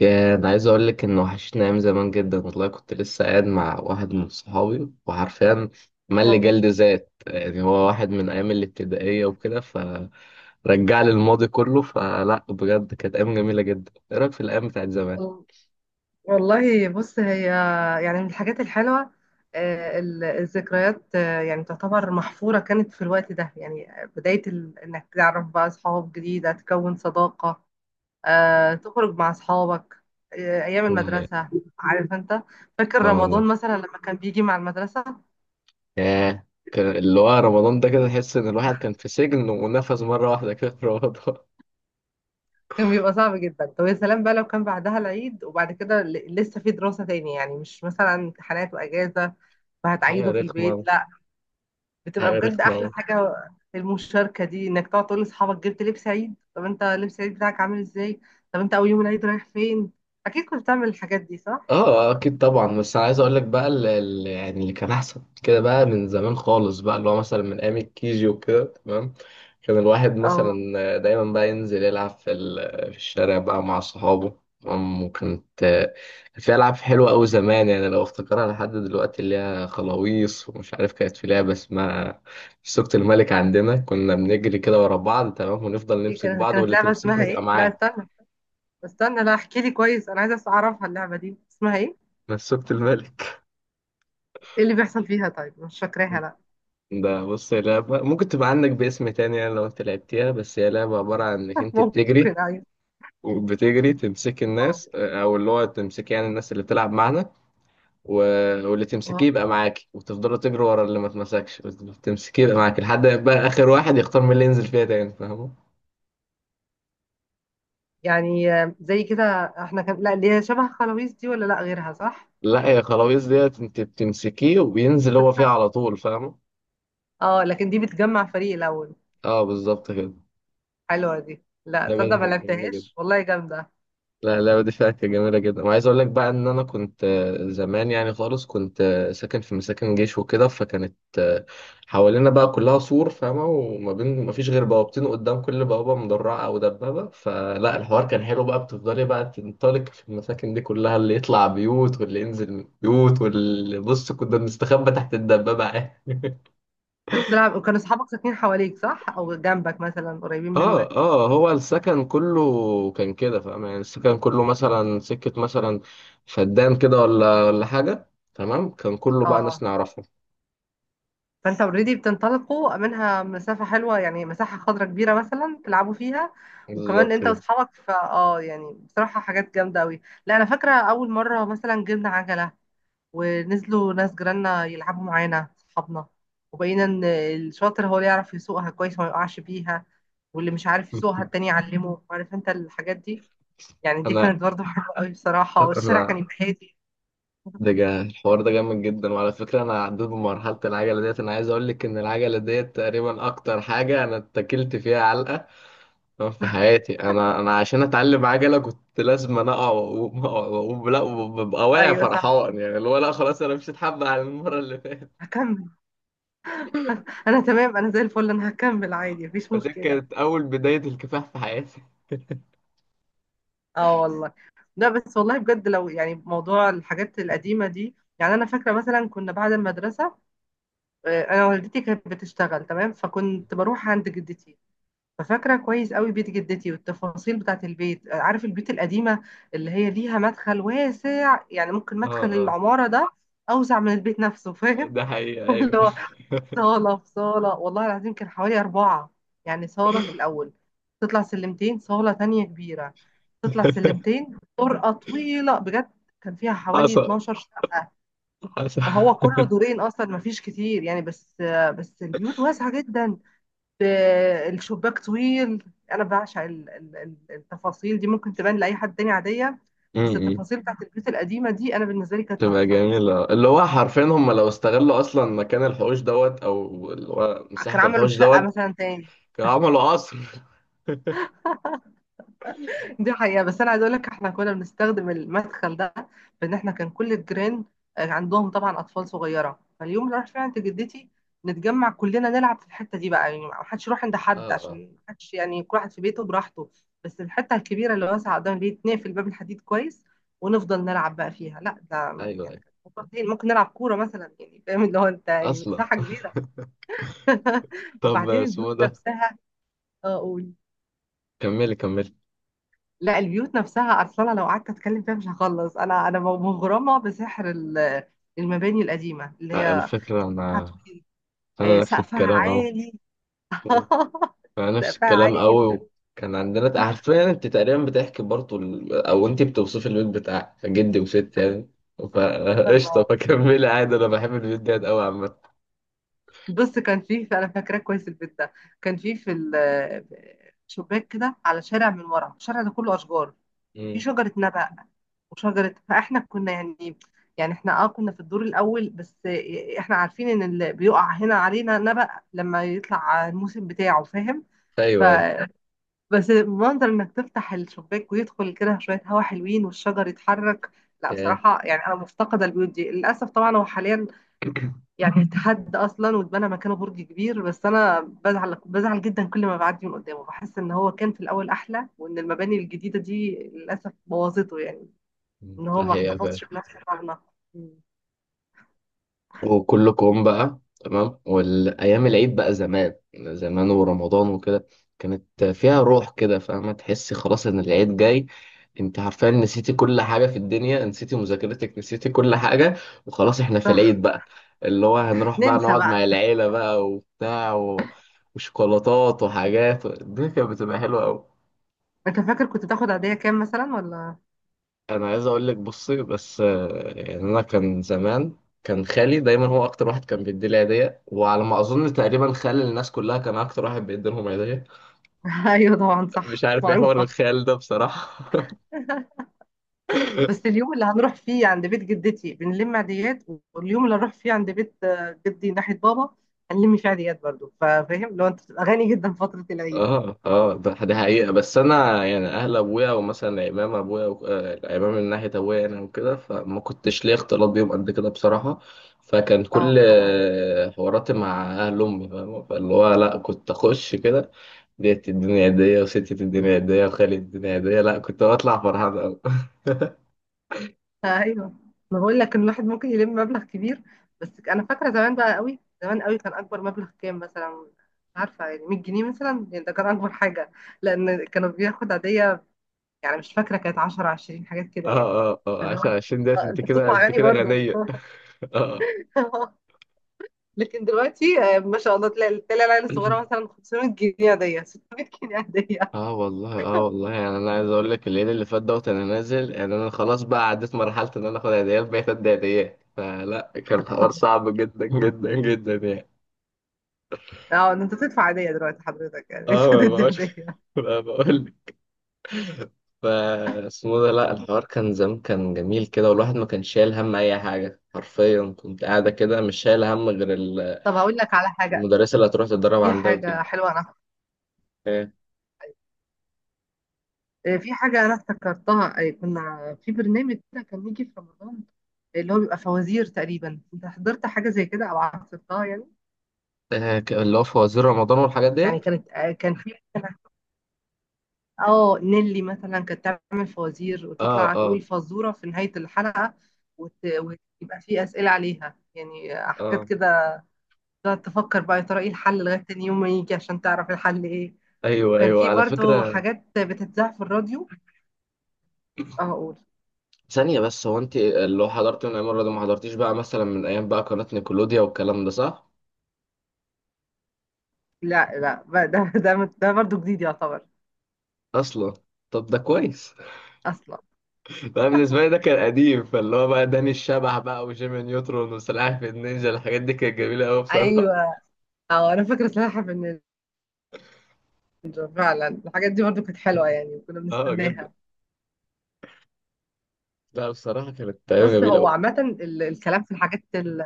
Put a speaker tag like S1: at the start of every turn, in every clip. S1: يا انا عايز اقول لك ان وحشتني ايام زمان جدا والله. كنت لسه قاعد مع واحد من صحابي وحرفيا مل
S2: آه،
S1: جلد ذات، يعني هو واحد من ايام الابتدائيه وكده، فرجع لي الماضي كله. فلا بجد كانت ايام جميله جدا. ايه رايك في الايام بتاعت زمان؟
S2: وال- والله بص هي يعني من الحاجات الحلوة، الذكريات يعني تعتبر محفورة، كانت في الوقت ده يعني بداية إنك تعرف بقى أصحاب جديدة تكون صداقة، تخرج مع أصحابك، أيام
S1: لا هي
S2: المدرسة. عارف أنت، فاكر
S1: اه
S2: رمضان
S1: والله.
S2: مثلا لما كان بيجي مع المدرسة
S1: اللي هو رمضان ده، كده تحس ان الواحد كان في سجن ونفذ مره واحده كده في رمضان
S2: كان بيبقى صعب جدا. طب يا سلام بقى لو كان بعدها العيد وبعد كده لسه في دراسة تاني، يعني مش مثلا امتحانات وأجازة
S1: حاجه
S2: فهتعيده في البيت.
S1: رخمه.
S2: بتبقى
S1: حاجه
S2: بجد احلى
S1: رخمه.
S2: حاجه المشاركه دي، انك تقعد تقول لاصحابك جبت لبس عيد، طب انت لبس العيد بتاعك عامل ازاي، طب انت اول يوم العيد رايح فين. اكيد كنت بتعمل الحاجات دي صح؟
S1: اه اكيد طبعا. بس انا عايز اقول لك بقى، اللي يعني اللي كان احسن كده بقى من زمان خالص بقى، اللي هو مثلا من ايام الكيجي وكده، تمام؟ كان الواحد
S2: اه،
S1: مثلا دايما بقى ينزل يلعب في الشارع بقى مع صحابه، تمام؟ وكانت، كان في العاب حلوه قوي زمان، يعني لو افتكرها لحد دلوقتي، اللي هي خلاويص ومش عارف، كانت في لعبه اسمها سوقة الملك. عندنا كنا بنجري كده ورا بعض، تمام؟ ونفضل
S2: دي
S1: نمسك
S2: كانت
S1: بعض
S2: كانت
S1: واللي
S2: لعبه
S1: تمسكه
S2: اسمها
S1: يبقى
S2: ايه، لا
S1: معاك.
S2: استنى استنى، لا احكي لي كويس، انا عايزه اعرفها اللعبه دي اسمها ايه،
S1: بس سوقة الملك.
S2: ايه اللي بيحصل فيها؟ طيب مش فاكراها لا.
S1: ده بص، هي لعبة ممكن تبقى عندك باسم تاني، يعني لو انت لعبتيها. بس هي لعبة عبارة عن انك انت بتجري
S2: ممكن ايوه.
S1: وبتجري تمسك
S2: اه.
S1: الناس، او اللي هو تمسك يعني الناس اللي بتلعب معانا. و... واللي
S2: آه.
S1: تمسكيه يبقى معاكي وتفضلوا تجري ورا اللي ما تمسكش. تمسكيه يبقى معاكي لحد ما يبقى اخر واحد يختار مين اللي ينزل فيها تاني، فاهمه؟
S2: يعني زي كده احنا كان، لا اللي هي شبه خلاويص دي ولا لا غيرها صح؟
S1: لا، يا خلاويص ديت انت بتمسكيه وبينزل هو فيها على طول، فاهمه؟
S2: اه لكن دي بتجمع فريق الاول.
S1: اه بالظبط كده.
S2: حلوه دي، لا
S1: اللعبة
S2: تصدق
S1: دي
S2: ما
S1: كانت جميلة جدا.
S2: لعبتهاش والله جامده.
S1: لا اللعبة دي فيها جميلة جدا. وعايز أقول لك بقى، إن أنا كنت زمان يعني خالص، كنت ساكن في مساكن جيش وكده، فكانت حوالينا بقى كلها سور، فاهمة؟ وما بين ما فيش غير بوابتين، قدام كل بوابة مدرعة أو دبابة. فلا الحوار كان حلو بقى. بتفضلي بقى تنطلق في المساكن دي كلها، اللي يطلع بيوت واللي ينزل من بيوت. واللي بص، كنا بنستخبى تحت الدبابة عادي.
S2: كنت بتلعب وكانوا اصحابك ساكنين حواليك صح؟ او جنبك مثلا قريبين
S1: اه
S2: منك.
S1: اه، هو السكن كله كان كده، فاهم؟ يعني السكن كله مثلا سكة مثلا فدان كده ولا حاجة، تمام؟ كان كله بقى ناس
S2: اه،
S1: نعرفهم.
S2: فانت اوريدي بتنطلقوا منها مسافة حلوة، يعني مساحة خضراء كبيرة مثلا تلعبوا فيها وكمان
S1: بالظبط
S2: انت
S1: كده.
S2: واصحابك. فا اه يعني بصراحة حاجات جامدة قوي. لا انا فاكرة اول مرة مثلا جبنا عجلة، ونزلوا ناس جيراننا يلعبوا معانا صحابنا، وبقينا ان الشاطر هو اللي يعرف يسوقها كويس ما يقعش بيها، واللي مش عارف يسوقها التاني يعلمه، عارف انت الحاجات دي. يعني دي
S1: انا
S2: كانت برضه حلوة قوي بصراحة، والشارع كان
S1: انا
S2: يبقى هادي.
S1: ده جا الحوار ده جامد جدا. وعلى فكرة انا عديت بمرحلة العجلة ديت. انا عايز اقول لك ان العجلة ديت تقريبا اكتر حاجة انا اتكلت فيها علقة في حياتي. انا عشان اتعلم عجلة كنت لازم انا اقع واقوم أقع وأقوم. لا وببقى واقع
S2: ايوه صح.
S1: فرحان، يعني اللي هو لا خلاص انا مش هتحب على المرة.
S2: هكمل. انا تمام، انا زي الفل، انا هكمل عادي مفيش
S1: فدي
S2: مشكله.
S1: كانت أول بداية الكفاح في حياتي.
S2: اه والله. لا بس والله بجد لو يعني موضوع الحاجات القديمه دي، يعني انا فاكره مثلا كنا بعد المدرسه، انا والدتي كانت بتشتغل تمام، فكنت بروح عند جدتي. ففاكره كويس قوي بيت جدتي والتفاصيل بتاعت البيت، عارف البيوت القديمه اللي هي ليها مدخل واسع، يعني ممكن
S1: اه
S2: مدخل
S1: اه.
S2: العماره ده اوسع من البيت نفسه فاهم؟
S1: ده حقيقة أيوه.
S2: اللي هو صالة في صالة، والله العظيم كان حوالي أربعة، يعني صالة في الأول، تطلع سلمتين صالة تانية كبيرة، تطلع سلمتين طرقة طويلة بجد كان فيها حوالي
S1: حصل
S2: 12 شقة.
S1: حصل.
S2: هو كله دورين أصلا، مفيش كتير يعني، بس البيوت واسعة جدا. ب- الشباك طويل. أنا بعشق التفاصيل دي، ممكن تبان لأي حد تاني عادية، بس
S1: امم
S2: التفاصيل بتاعت البيوت القديمة دي أنا بالنسبة لي كانت
S1: تبقى
S2: تحفة.
S1: جميلة. اللي هو حرفيا هم لو استغلوا أصلا مكان الحوش دوت، أو اللي هو مساحة
S2: كان عملوا
S1: الحوش
S2: شقة
S1: دوت،
S2: مثلا تاني.
S1: كانوا عملوا قصر.
S2: دي حقيقة، بس أنا عايزة أقول لك إحنا كنا بنستخدم المدخل ده، بإن إحنا كان كل الجيران عندهم طبعا أطفال صغيرة، فاليوم اللي راح فيه عند جدتي نتجمع كلنا نلعب في الحتة دي بقى، يعني محدش يروح عند
S1: اه
S2: حد
S1: اه.
S2: عشان محدش، يعني كل واحد في بيته براحته، بس الحتة الكبيرة اللي واسعة قدام البيت نقفل باب الحديد كويس ونفضل نلعب بقى فيها. لا ده
S1: أيوه
S2: يعني
S1: أيوه.
S2: كانت مفضلين. ممكن نلعب كورة مثلا، يعني فاهم اللي هو، أنت يعني
S1: أصلا
S2: مساحة كبيرة.
S1: طب
S2: وبعدين البيوت
S1: اسمه ده،
S2: نفسها،
S1: كملي كملي.
S2: لا البيوت نفسها اصلا لو قعدت اتكلم فيها مش هخلص، انا مغرمه بسحر المباني القديمه اللي هي
S1: الفكرة
S2: سقفها
S1: أنا،
S2: طويل،
S1: أنا نفس
S2: سقفها
S1: الكلام أهو.
S2: عالي،
S1: أنا نفس
S2: سقفها
S1: الكلام
S2: عالي
S1: قوي.
S2: جدا.
S1: كان عندنا حرفيا، انت تقريبا بتحكي برضه او انت بتوصفي البيت بتاعك جدي وست، يعني فقشطه فكملي عادي، انا بحب البيت ده قوي عامه.
S2: بص كان فيه، انا فاكراه كويس البيت ده، كان فيه في شباك كده على شارع، من ورا الشارع ده كله اشجار، كان فيه
S1: مم.
S2: شجره نبق وشجره، فاحنا كنا يعني، يعني احنا كنا في الدور الاول بس، احنا عارفين ان اللي بيقع هنا علينا نبق لما يطلع الموسم بتاعه فاهم؟ ف
S1: ايوه ايوه.
S2: بس منظر انك تفتح الشباك ويدخل كده شويه هوا حلوين والشجر يتحرك، لا
S1: ياه.
S2: بصراحه يعني انا مفتقده البيوت دي للاسف. طبعا هو حاليا يعني اتحد اصلا واتبنى مكانه برج كبير، بس انا بزعل بزعل جدا كل ما بعدي من قدامه، بحس ان هو كان في الاول احلى، وان المباني الجديده دي للاسف بوظته يعني، ان هو
S1: ده
S2: ما
S1: حقيقة فعلا.
S2: احتفظش بنفس طعمنا. مم.
S1: وكله كوم بقى. تمام. والايام العيد بقى زمان ورمضان وكده، كانت فيها روح كده، فاهمه؟ تحسي خلاص ان
S2: ايوه
S1: العيد جاي. انت عارفه، نسيتي كل حاجه في الدنيا، نسيتي مذاكرتك، نسيتي كل حاجه. وخلاص احنا في العيد
S2: صح.
S1: بقى. اللي هو هنروح بقى
S2: ننسى
S1: نقعد
S2: بقى.
S1: مع العيله بقى وبتاع وشوكولاتات وحاجات. الدنيا كانت بتبقى حلوه قوي.
S2: انت فاكر كنت بتاخد عاديه كام مثلا ولا؟
S1: انا عايز اقول لك، بصي بس، يعني انا كان زمان، كان خالي دايما هو اكتر واحد كان بيدي لي هديه. وعلى ما اظن تقريبا خال الناس كلها كان اكتر واحد بيدي لهم هديه.
S2: ايوه طبعا
S1: مش
S2: صح
S1: عارف ايه حوار
S2: معروفه.
S1: الخال ده بصراحه
S2: بس اليوم اللي هنروح فيه عند بيت جدتي بنلم عاديات، واليوم اللي هنروح فيه عند بيت جدي ناحيه بابا هنلم فيه عاديات برضو، فاهم؟ لو انت بتبقى غني جدا فتره العيد.
S1: اه اه، ده حقيقه. بس انا يعني اهل ابويا ومثلا العمام ابويا العمام من ناحيه ابويا انا وكده، فما كنتش ليا اختلاط بيهم قد كده بصراحه. فكان كل
S2: اه.
S1: حواراتي مع اهل امي، فاهمة؟ فاللي هو لا، كنت اخش كده، ديت الدنيا هدية وستة الدنيا هدية وخالد الدنيا هدية. لا كنت بطلع فرحان أوي
S2: ايوه، ما بقول لك ان الواحد ممكن يلم مبلغ كبير، بس انا فاكره زمان بقى قوي زمان قوي كان اكبر مبلغ كام مثلا، مش عارفه يعني 100 جنيه مثلا، يعني ده كان اكبر حاجه، لان كانوا بياخد عاديه، يعني مش فاكره كانت 10 20 حاجات كده يعني.
S1: اه
S2: اللي هو
S1: عشان عشان انت
S2: انت
S1: كده،
S2: بتطلع
S1: انت
S2: غني
S1: كده
S2: برضه.
S1: غنية. اه.
S2: لكن دلوقتي ما شاء الله، تلاقي العيله الصغيره مثلا 500 جنيه عاديه، 600 جنيه عاديه.
S1: اه والله، اه والله، يعني انا عايز اقول لك، الليل اللي فات دوت انا نازل، يعني انا خلاص بقى عديت مرحلة ان انا اخد هدية، بقيت ادي هديات. فلا كان الحوار صعب جدا جدا جدا يعني.
S2: اه، إن انت بتدفع عاديه دلوقتي حضرتك، يعني مش
S1: اه ما
S2: هتدي
S1: بقولش
S2: عاديه.
S1: ما بقولك. فا اسمه ده. لا الحوار كان زمان كان جميل كده، والواحد ما كانش شايل هم اي حاجة. حرفيا كنت قاعدة كده، مش شايل هم غير ال،
S2: طب هقول لك على حاجه،
S1: المدرسة اللي هتروح تتدرب
S2: دي
S1: عندها وتيجي.
S2: حاجه حلوه. انا
S1: إيه.
S2: في حاجة أنا افتكرتها، كنا في برنامج كده كان يجي في رمضان، اللي هو بيبقى فوازير تقريبا، أنت حضرت حاجة زي كده أو عصرتها يعني؟
S1: اللي هو في وزير رمضان والحاجات
S2: يعني
S1: ديت.
S2: كانت، كان في نيلي مثلا كانت تعمل فوازير
S1: اه
S2: وتطلع
S1: اه
S2: تقول فزورة في نهاية الحلقة، ويبقى في أسئلة عليها، يعني حاجات
S1: اه.
S2: كده، تقعد تفكر بقى يا ترى ايه الحل لغاية تاني يوم ما يجي عشان تعرف الحل ايه،
S1: ايوه
S2: وكان
S1: ايوه
S2: في
S1: على
S2: برضو
S1: فكرة.
S2: حاجات بتتذاع في الراديو. اه اقول،
S1: ثانية بس، هو انت اللي هو حضرت من ايام الرياضة، ما حضرتيش بقى مثلا من ايام بقى قناة نيكولوديا والكلام ده، صح؟
S2: لا لا بقى ده برضو جديد يعتبر
S1: اصلا. طب ده كويس.
S2: أصلا.
S1: بقى بالنسبة لي ده كان قديم. فاللي هو بقى داني الشبح بقى وجيمي نيوترون وسلاحف النينجا، الحاجات دي كانت جميلة قوي بصراحة.
S2: ايوه اه، انا فاكره سلاحف النينجا فعلا، الحاجات دي برضو كانت حلوه يعني كنا
S1: اه جدا.
S2: بنستناها.
S1: لا بصراحة كانت أيام
S2: بص
S1: جميلة
S2: هو
S1: قوي.
S2: عامه الكلام في الحاجات ال...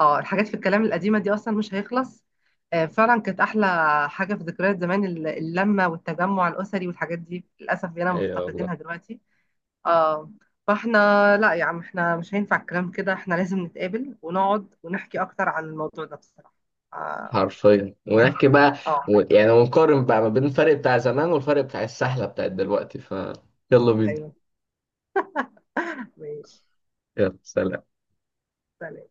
S2: اه الحاجات في الكلام القديمه دي اصلا مش هيخلص، فعلا كانت احلى حاجه في ذكريات زمان، اللمه والتجمع الاسري والحاجات دي للاسف بقينا
S1: ايوه والله.
S2: مفتقدينها دلوقتي. اه فاحنا، لا يا عم احنا مش هينفع الكلام كده، احنا لازم نتقابل ونقعد ونحكي اكتر عن الموضوع ده بصراحه. آه
S1: حرفيا
S2: يعني
S1: ونحكي بقى
S2: اه.
S1: يعني ونقارن بقى ما بين الفرق بتاع زمان والفرق بتاع السحلة بتاعت دلوقتي. ف يلا بينا.
S2: ايوه ماشي.
S1: يلا سلام.
S2: سلام.